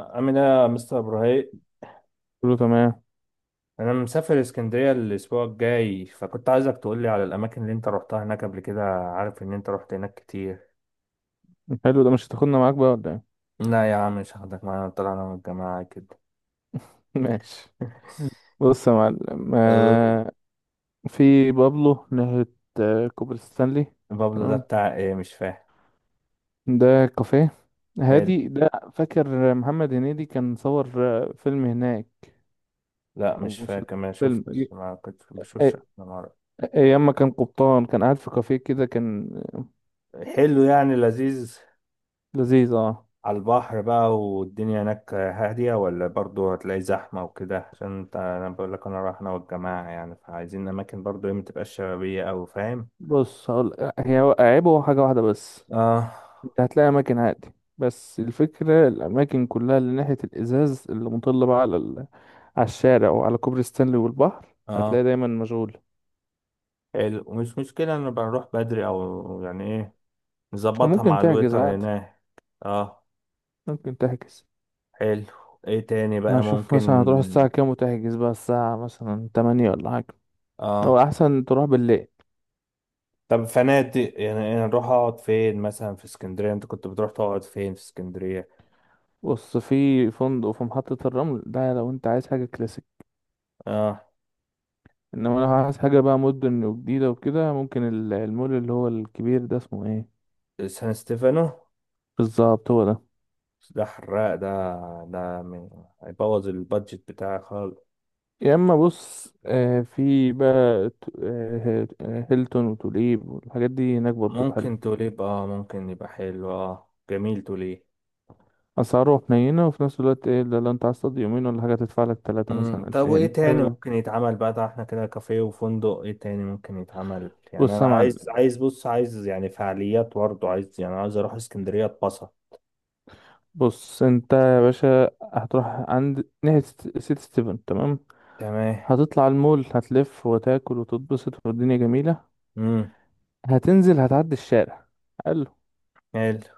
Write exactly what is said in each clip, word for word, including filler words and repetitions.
عامل ايه يا مستر ابراهيم؟ كله تمام. انا مسافر اسكندريه الاسبوع الجاي، فكنت عايزك تقول لي على الاماكن اللي انت روحتها هناك قبل كده. عارف ان انت روحت هناك كتير. حلو، ده مش هتاخدنا معاك بقى ولا ايه؟ لا يا عم، مش هاخدك معايا. طلعنا من الجماعه كده. ماشي. بص يا معلم، أه، آه، في بابلو ناحية. آه، كوبري ستانلي. بابلو ده تمام. بتاع ايه؟ مش فاهم. ده كافيه. حلو. هادي ده، فاكر محمد هنيدي كان صور آه، فيلم هناك، لا او مش فاهم مسلسل. كمان، فيلم شفتش أي- ما كنت بشوفش انا أي- مرة. ايام ما كان قبطان، كان قاعد في كافيه كده، كان حلو، يعني لذيذ. لذيذ اه. على البحر بقى، والدنيا هناك هادية ولا برضو هتلاقي زحمة وكده؟ عشان انت، انا بقول لك انا رايح انا والجماعة يعني، فعايزين اماكن برضو ايه، متبقاش شبابية اوي، فاهم. بص، هقول هي عيبه حاجة واحدة بس. اه. هتلاقي أماكن عادي، بس الفكرة الأماكن كلها اللي ناحية الإزاز اللي مطلة بقى على ال... على الشارع وعلى كوبري ستانلي والبحر، هتلاقي اه. دايما مشغولة. حلو، ومش مشكلة ان بنروح بدري او يعني ايه. نظبطها وممكن مع تحجز الويتر عادي، هناك. اه. ممكن تحجز. حلو. ايه تاني بقى هشوف مثلا ممكن؟ هتروح الساعة كام، وتحجز بقى الساعة مثلا تمانية ولا حاجة. هو اه. أحسن تروح بالليل. طب فنادق يعني إيه، نروح اقعد فين مثلا في اسكندرية؟ انت كنت بتروح تقعد فين في اسكندرية؟ بص، في فندق في محطة الرمل، ده لو أنت عايز حاجة كلاسيك. اه. إنما لو عايز حاجة بقى مدن وجديدة وكده، ممكن ال- المول اللي هو الكبير ده، اسمه إيه؟ سان ستيفانو. بالظبط هو ده. ده حراق ده. ده من- هيبوظ البادجت بتاعي خالص. يا اما بص، آه، في بقى ت- آه، آه، هيلتون وتوليب والحاجات دي هناك برضو حلو. ممكن توليب، اه ممكن يبقى حلو، اه جميل توليب. اسعاره حنينه، وفي نفس الوقت ايه، ده لو انت عايز تقضي يومين ولا حاجه تدفع لك تلاتة امم مثلا طب وايه الفين تاني حلو. ممكن يتعمل بقى؟ ده احنا كده كافيه وفندق، ايه تاني ممكن يتعمل؟ يعني بص انا يا معلم. عايز عايز بص، عايز يعني فعاليات برضه، عايز يعني، عايز اروح اسكندرية اتبسط. بص انت يا باشا، هتروح عند ناحيه ست- سيتي ستيفن تمام. تمام. هتطلع على المول، هتلف وتاكل وتتبسط والدنيا جميله. امم. هتنزل، هتعدي الشارع حلو. حلو.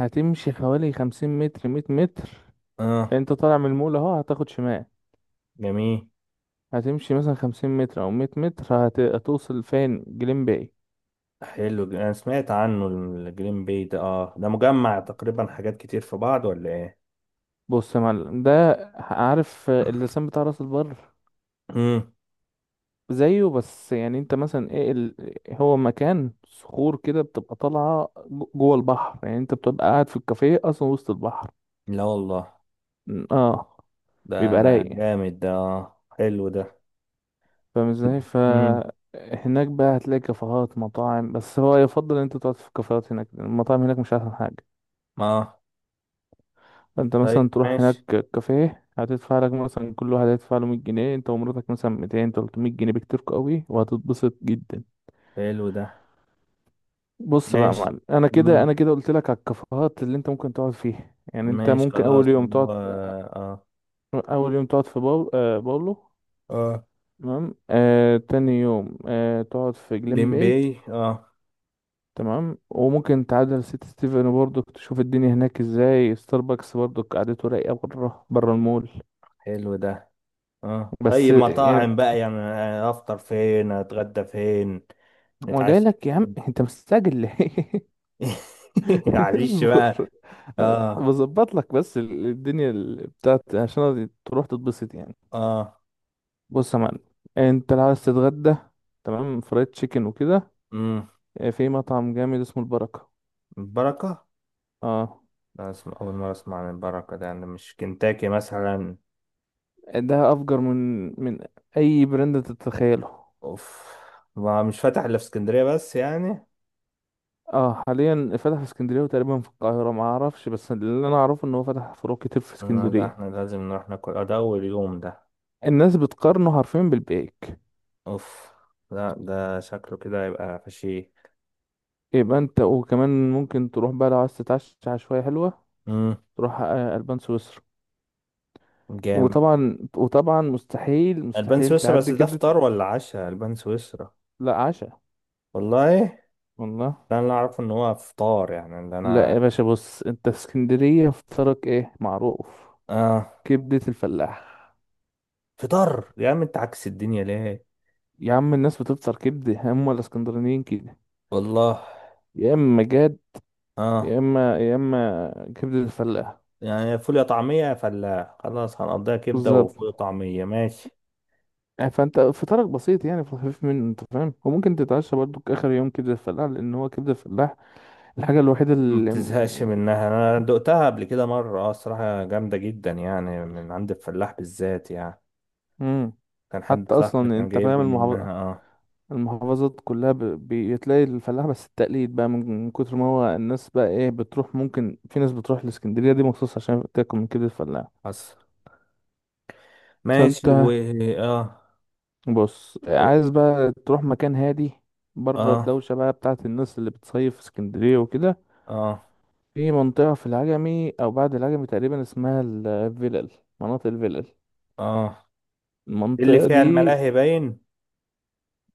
هتمشي حوالي خمسين متر، مية متر. اه. انت طالع من المول اهو، هتاخد شمال. جميل. هتمشي مثلا خمسين متر أو مية متر، هت... هتوصل فين؟ جليم باي. حلو. ج- انا سمعت عنه الجرين بي ده، اه ده مجمع تقريبا حاجات كتير في بعض ولا ايه؟ بص يا معلم، ده عارف اللسان بتاع راس البر؟ امم. زيه، بس يعني انت مثلا ايه ال... هو مكان صخور كده، بتبقى طالعة جو- جوه البحر. يعني انت بتبقى قاعد في الكافيه أصلا وسط البحر. لا والله، م، اه، ده بيبقى ده رايق. جامد ده، آه. حلو ده. فاهم ازاي؟ ف امم. هناك بقى هتلاقي كافيهات مطاعم، بس هو يفضل ان انت تقعد في الكافيهات، هناك المطاعم هناك مش احسن حاجة. اه انت طيب مثلا تروح هناك ماشي. كافيه، هتدفع لك مثلا كل واحد هيدفع له مية جنيه، انت ومراتك مثلا ميتين تلتمية جنيه بكتير قوي، وهتتبسط جدا. حلو ده بص بقى يا ماشي. معلم، انا كده انا امم. كده قلت لك على الكافيهات اللي انت ممكن تقعد فيها. يعني انت ماشي ممكن اول خلاص، يوم اللي تقعد هو. اه. اول يوم تقعد في باول... آه باولو اه. تمام. آه تاني يوم آه تقعد في جليم باي لمبي اه. تمام. وممكن تعدل سيتي ستيفن برضو، تشوف الدنيا هناك ازاي. ستاربكس برضو قعدته رايقه، بره بره المول. حلو ده. اه بس طيب، يعني، مطاعم بقى يعني، آه، افطر فين، اتغدى فين، هو جاي نتعشى لك يا عم، فين؟ انت مستعجل ليه؟ معلش اصبر. بقى. اه. بظبط لك، بس ال- الدنيا ال- بتاعت، عشان تروح تتبسط يعني. اه. بص يا معلم، انت لو عايز تتغدى تمام، فرايد تشيكن وكده، امم. اه، في مطعم جامد اسمه البركة. البركة. اه، لا، اسم اول مرة اسمع عن البركة ده، يعني مش كنتاكي مثلا؟ ده افجر من من اي براند تتخيله. اوف. ما مش فاتح الا في اسكندريه بس يعني. اه حاليا فتح في اسكندريه، وتقريبا في القاهره ما اعرفش، بس اللي انا اعرفه ان هو فتح فروع كتير في آه، لا ده احنا اسكندريه. لازم نروح ناكل، آه، ده اول يوم ده. الناس بتقارنه حرفيا بالبيك. اوف. لا ده شكله كده هيبقى فشي. يبقى انت، وكمان ممكن تروح بقى لو عايز تتعشى عشوائية حلوة، امم. تروح آه، ألبان سويسرا. جامد. وطبعا وطبعا مستحيل البان مستحيل سويسرا بس تعدي ده كبدة. فطار ولا عشاء؟ البان سويسرا. لا، عشاء. والله. والله. ده انا اعرف ان هو فطار يعني، اللي لا يا انا. باشا، بص، انت في اسكندرية فطرك ايه معروف؟ اه. كبدة الفلاح. فطار؟ يا عم انت عكس الدنيا ليه؟ يا عم، الناس بتفطر كبدة، هم الاسكندرانيين كده. والله. يا اما جاد، يا اه. اما يا اما كبدة الفلاح. يعني فول، يا طعميه، يا فلاح. خلاص هنقضيها كبده بالظبط. وفول وطعميه، ماشي. يعني فانت فطارك بسيط، يعني في الخفيف منه انت فاهم. وممكن تتعشى برضو اخر يوم كبدة الفلاح، لان هو كبدة الفلاح الحاجة الوحيدة ما اللي... بتزهقش منها. انا دقتها قبل كده مره، اه الصراحه جامده جدا يعني، من عند الفلاح بالذات يعني. مم. كان حد حتى صاحبي أصلا كان أنت جايب فاهم لي المحافظ... منها، اه. المحافظات كلها ب... بتلاقي الفلاح بس. التقليد بقى، من من كتر ما هو الناس بقى إيه بتروح، ممكن في ناس بتروح الإسكندرية دي مخصوص عشان تاكل من كبدة الفلاح. حصل. ماشي و. فأنت، اه. بص، عايز بقى تروح مكان هادي، بره اه. الدوشة بقى بتاعت الناس اللي بتصيف في اسكندرية وكده، اه. في منطقة في العجمي أو بعد العجمي تقريبا، اسمها الفلل. مناطق الفلل، اه. اللي المنطقة فيها دي. الملاهي باين.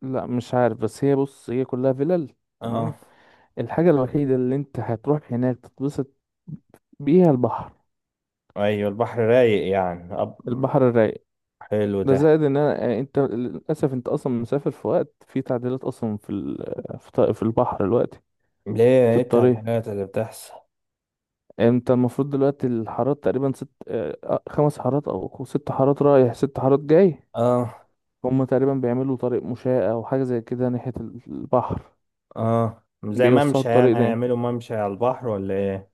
لا مش عارف، بس هي، بص، هي كلها فلل تمام. اه. الحاجة الوحيدة اللي انت هتروح هناك تتبسط بيها البحر، ايوه البحر رايق يعني أب... البحر الرايق. حلو ده ده. زائد ان انا يعني، انت للاسف انت اصلا مسافر في وقت في تعديلات، اصلا في ال- في ط- في البحر دلوقتي، ليه؟ في ايه الطريق. التعديلات اللي بتحصل؟ انت المفروض دلوقتي الحارات تقريبا ست، اه، خمس حارات او ست حارات رايح، ست حارات جاي. اه. هما تقريبا بيعملوا طريق مشاة او حاجة زي كده ناحية ال- البحر. اه زي بيوسعوا ممشى يعني، الطريق ده. هيعملوا ممشى على البحر ولا ايه؟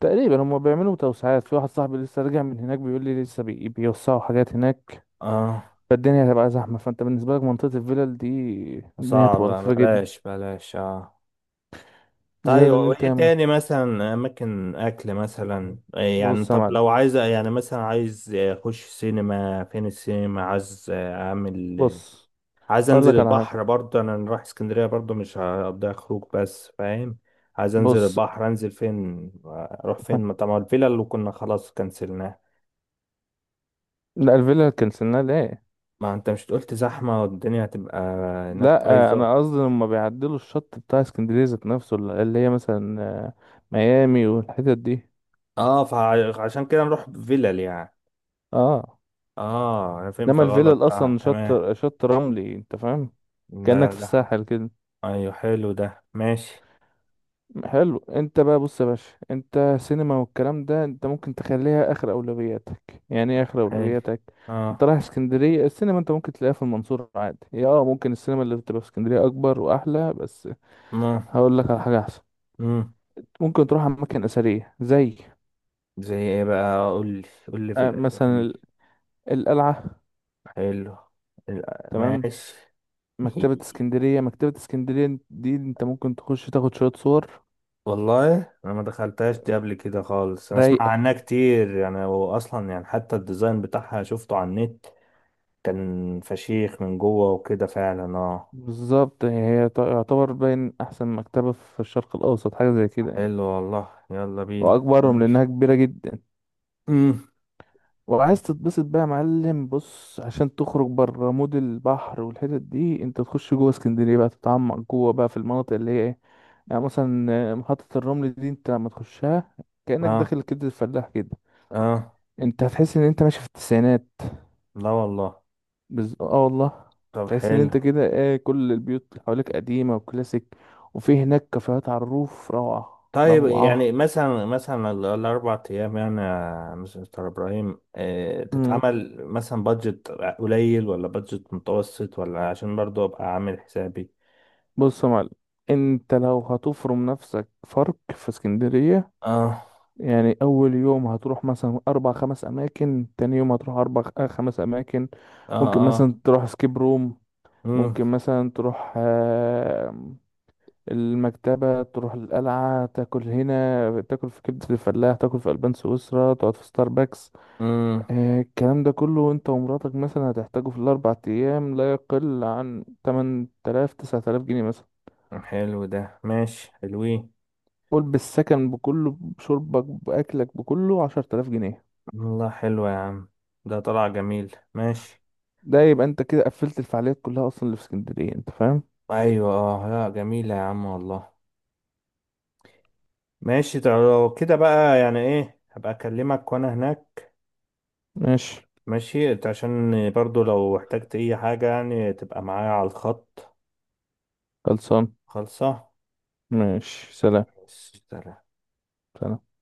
تقريبا هما بيعملوا توسعات. في واحد صاحبي لسه راجع من هناك، بيقول لي لسه بي- بيوسعوا حاجات هناك. اه فالدنيا هتبقى زحمة، فانت بالنسبة لك منطقة الفلل دي، الدنيا هتبقى صعبة، لطيفة جدا. بلاش بلاش اه. زائد طيب، ان انت وايه ياما. تاني مثلا اماكن اكل مثلا إيه يعني؟ بص يا طب معلم، لو عايز يعني، مثلا عايز اخش سينما، فين السينما، عايز اعمل. بص عايز اقول انزل لك على حاجة، البحر برضه، انا رايح اسكندريه برضه مش هقضيها خروج بس، فاهم. عايز انزل بص. البحر، انزل فين، اروح فين؟ ما طبعا الفيلا اللي كنا خلاص كنسلناها. لا، الفلل كنسلناها ليه؟ ما انت مش قلت زحمه والدنيا هتبقى هناك لا بايظه؟ انا قصدي لما بيعدلوا الشط بتاع اسكندرية ذات نفسه، اللي هي مثلا آه، ميامي والحتت دي. اه فعشان كده نروح فيلل يعني. اه، اه انا فهمت انما غلط، الفلل اه اصلا تمام. شط شط رملي انت فاهم، لا. كأنك لا في لا. الساحل كده. ايوه حلو ده ماشي. حلو، انت بقى بص يا باشا، انت سينما والكلام ده انت ممكن تخليها اخر اولوياتك. يعني ايه اخر حلو. اولوياتك؟ انت اه. رايح اسكندريه، السينما انت ممكن تلاقيها في المنصوره عادي هي. اه، ممكن السينما اللي بتبقى في اسكندريه اكبر واحلى، بس ما. هقول لك على حاجه احسن. امم. ممكن تروح اماكن اثريه زي زي ايه بقى، قول لي. قول لي في آه، مثلا الاسامي. ال- القلعه حلو. الأ- تمام. ماشي. مكتبه اسكندريه، مكتبه اسكندريه دي انت ممكن تخش تاخد شويه صور والله انا ما دخلتهاش دي قبل كده خالص، انا اسمع رايقه. عنها كتير يعني، هو اصلا يعني حتى الديزاين بتاعها شفته على النت. كان فشيخ من جوه وكده فعلا، اه. بالظبط، هي تعتبر باين احسن مكتبه في الشرق الاوسط، حاجه زي كده يعني. حلو والله، يلا بينا. واكبرهم لانها ماشي. كبيره جدا. امم. وعايز تتبسط بقى يا معلم، بص عشان تخرج بره مود البحر والحتت دي، انت تخش جوه اسكندريه بقى، تتعمق جوه بقى في المناطق اللي هي ايه. يعني مثلا آه، محطه الرمل دي انت لما تخشها، كانك اه. داخل كبد الفلاح كده. اه. انت هتحس ان انت ماشي في التسعينات. لا والله. بز... اه والله. طب تحس ان حلو. انت كده ايه، كل البيوت اللي حواليك قديمه وكلاسيك. وفي هناك كافيهات على الروف، روعه طيب يعني روعه. مثلا مثلا ال- الأربع أيام يعني، يا مستر إبراهيم، آه، تتعمل مثلا بادجت قليل ولا بادجت متوسط؟ ولا عشان برضو أبقى عامل حسابي. بص يا معلم، انت لو هتفرم نفسك فرق في اسكندرية، اه. يعني اول يوم هتروح مثلا اربع خمس اماكن، تاني يوم هتروح اربع خ- آه، خمس اماكن. اه. ممكن اه. مثلا تروح سكيب روم. مم. ممكن مثلا تروح آه، المكتبة، تروح القلعة، تاكل هنا، تاكل في كبدة الفلاح، تاكل في ألبان سويسرا، تقعد في ستاربكس. مم. آه، الكلام ده كله انت ومراتك مثلا هتحتاجه في الاربع ايام، لا يقل عن تمن تلاف تسعة آلاف جنيه مثلا. حلو ده، ماشي، حلوين. قول بالسكن بكله، بشربك، بأكلك، بكله عشرة آلاف جنيه. والله حلو يا عم، ده طلع جميل، ماشي. ده يبقى انت كده قفلت الفعاليات كلها أصلا اللي في اسكندرية، انت فاهم. أيوة اه، لا جميلة يا عم والله. ماشي. طب لو كده بقى يعني إيه، هبقى أكلمك وأنا هناك. ماشي. ماشي. انت عشان برضو لو احتجت اي حاجة يعني تبقى معايا على الخط. خلصان. خالصة. ماشي، سلام. بس، سلام. سلام.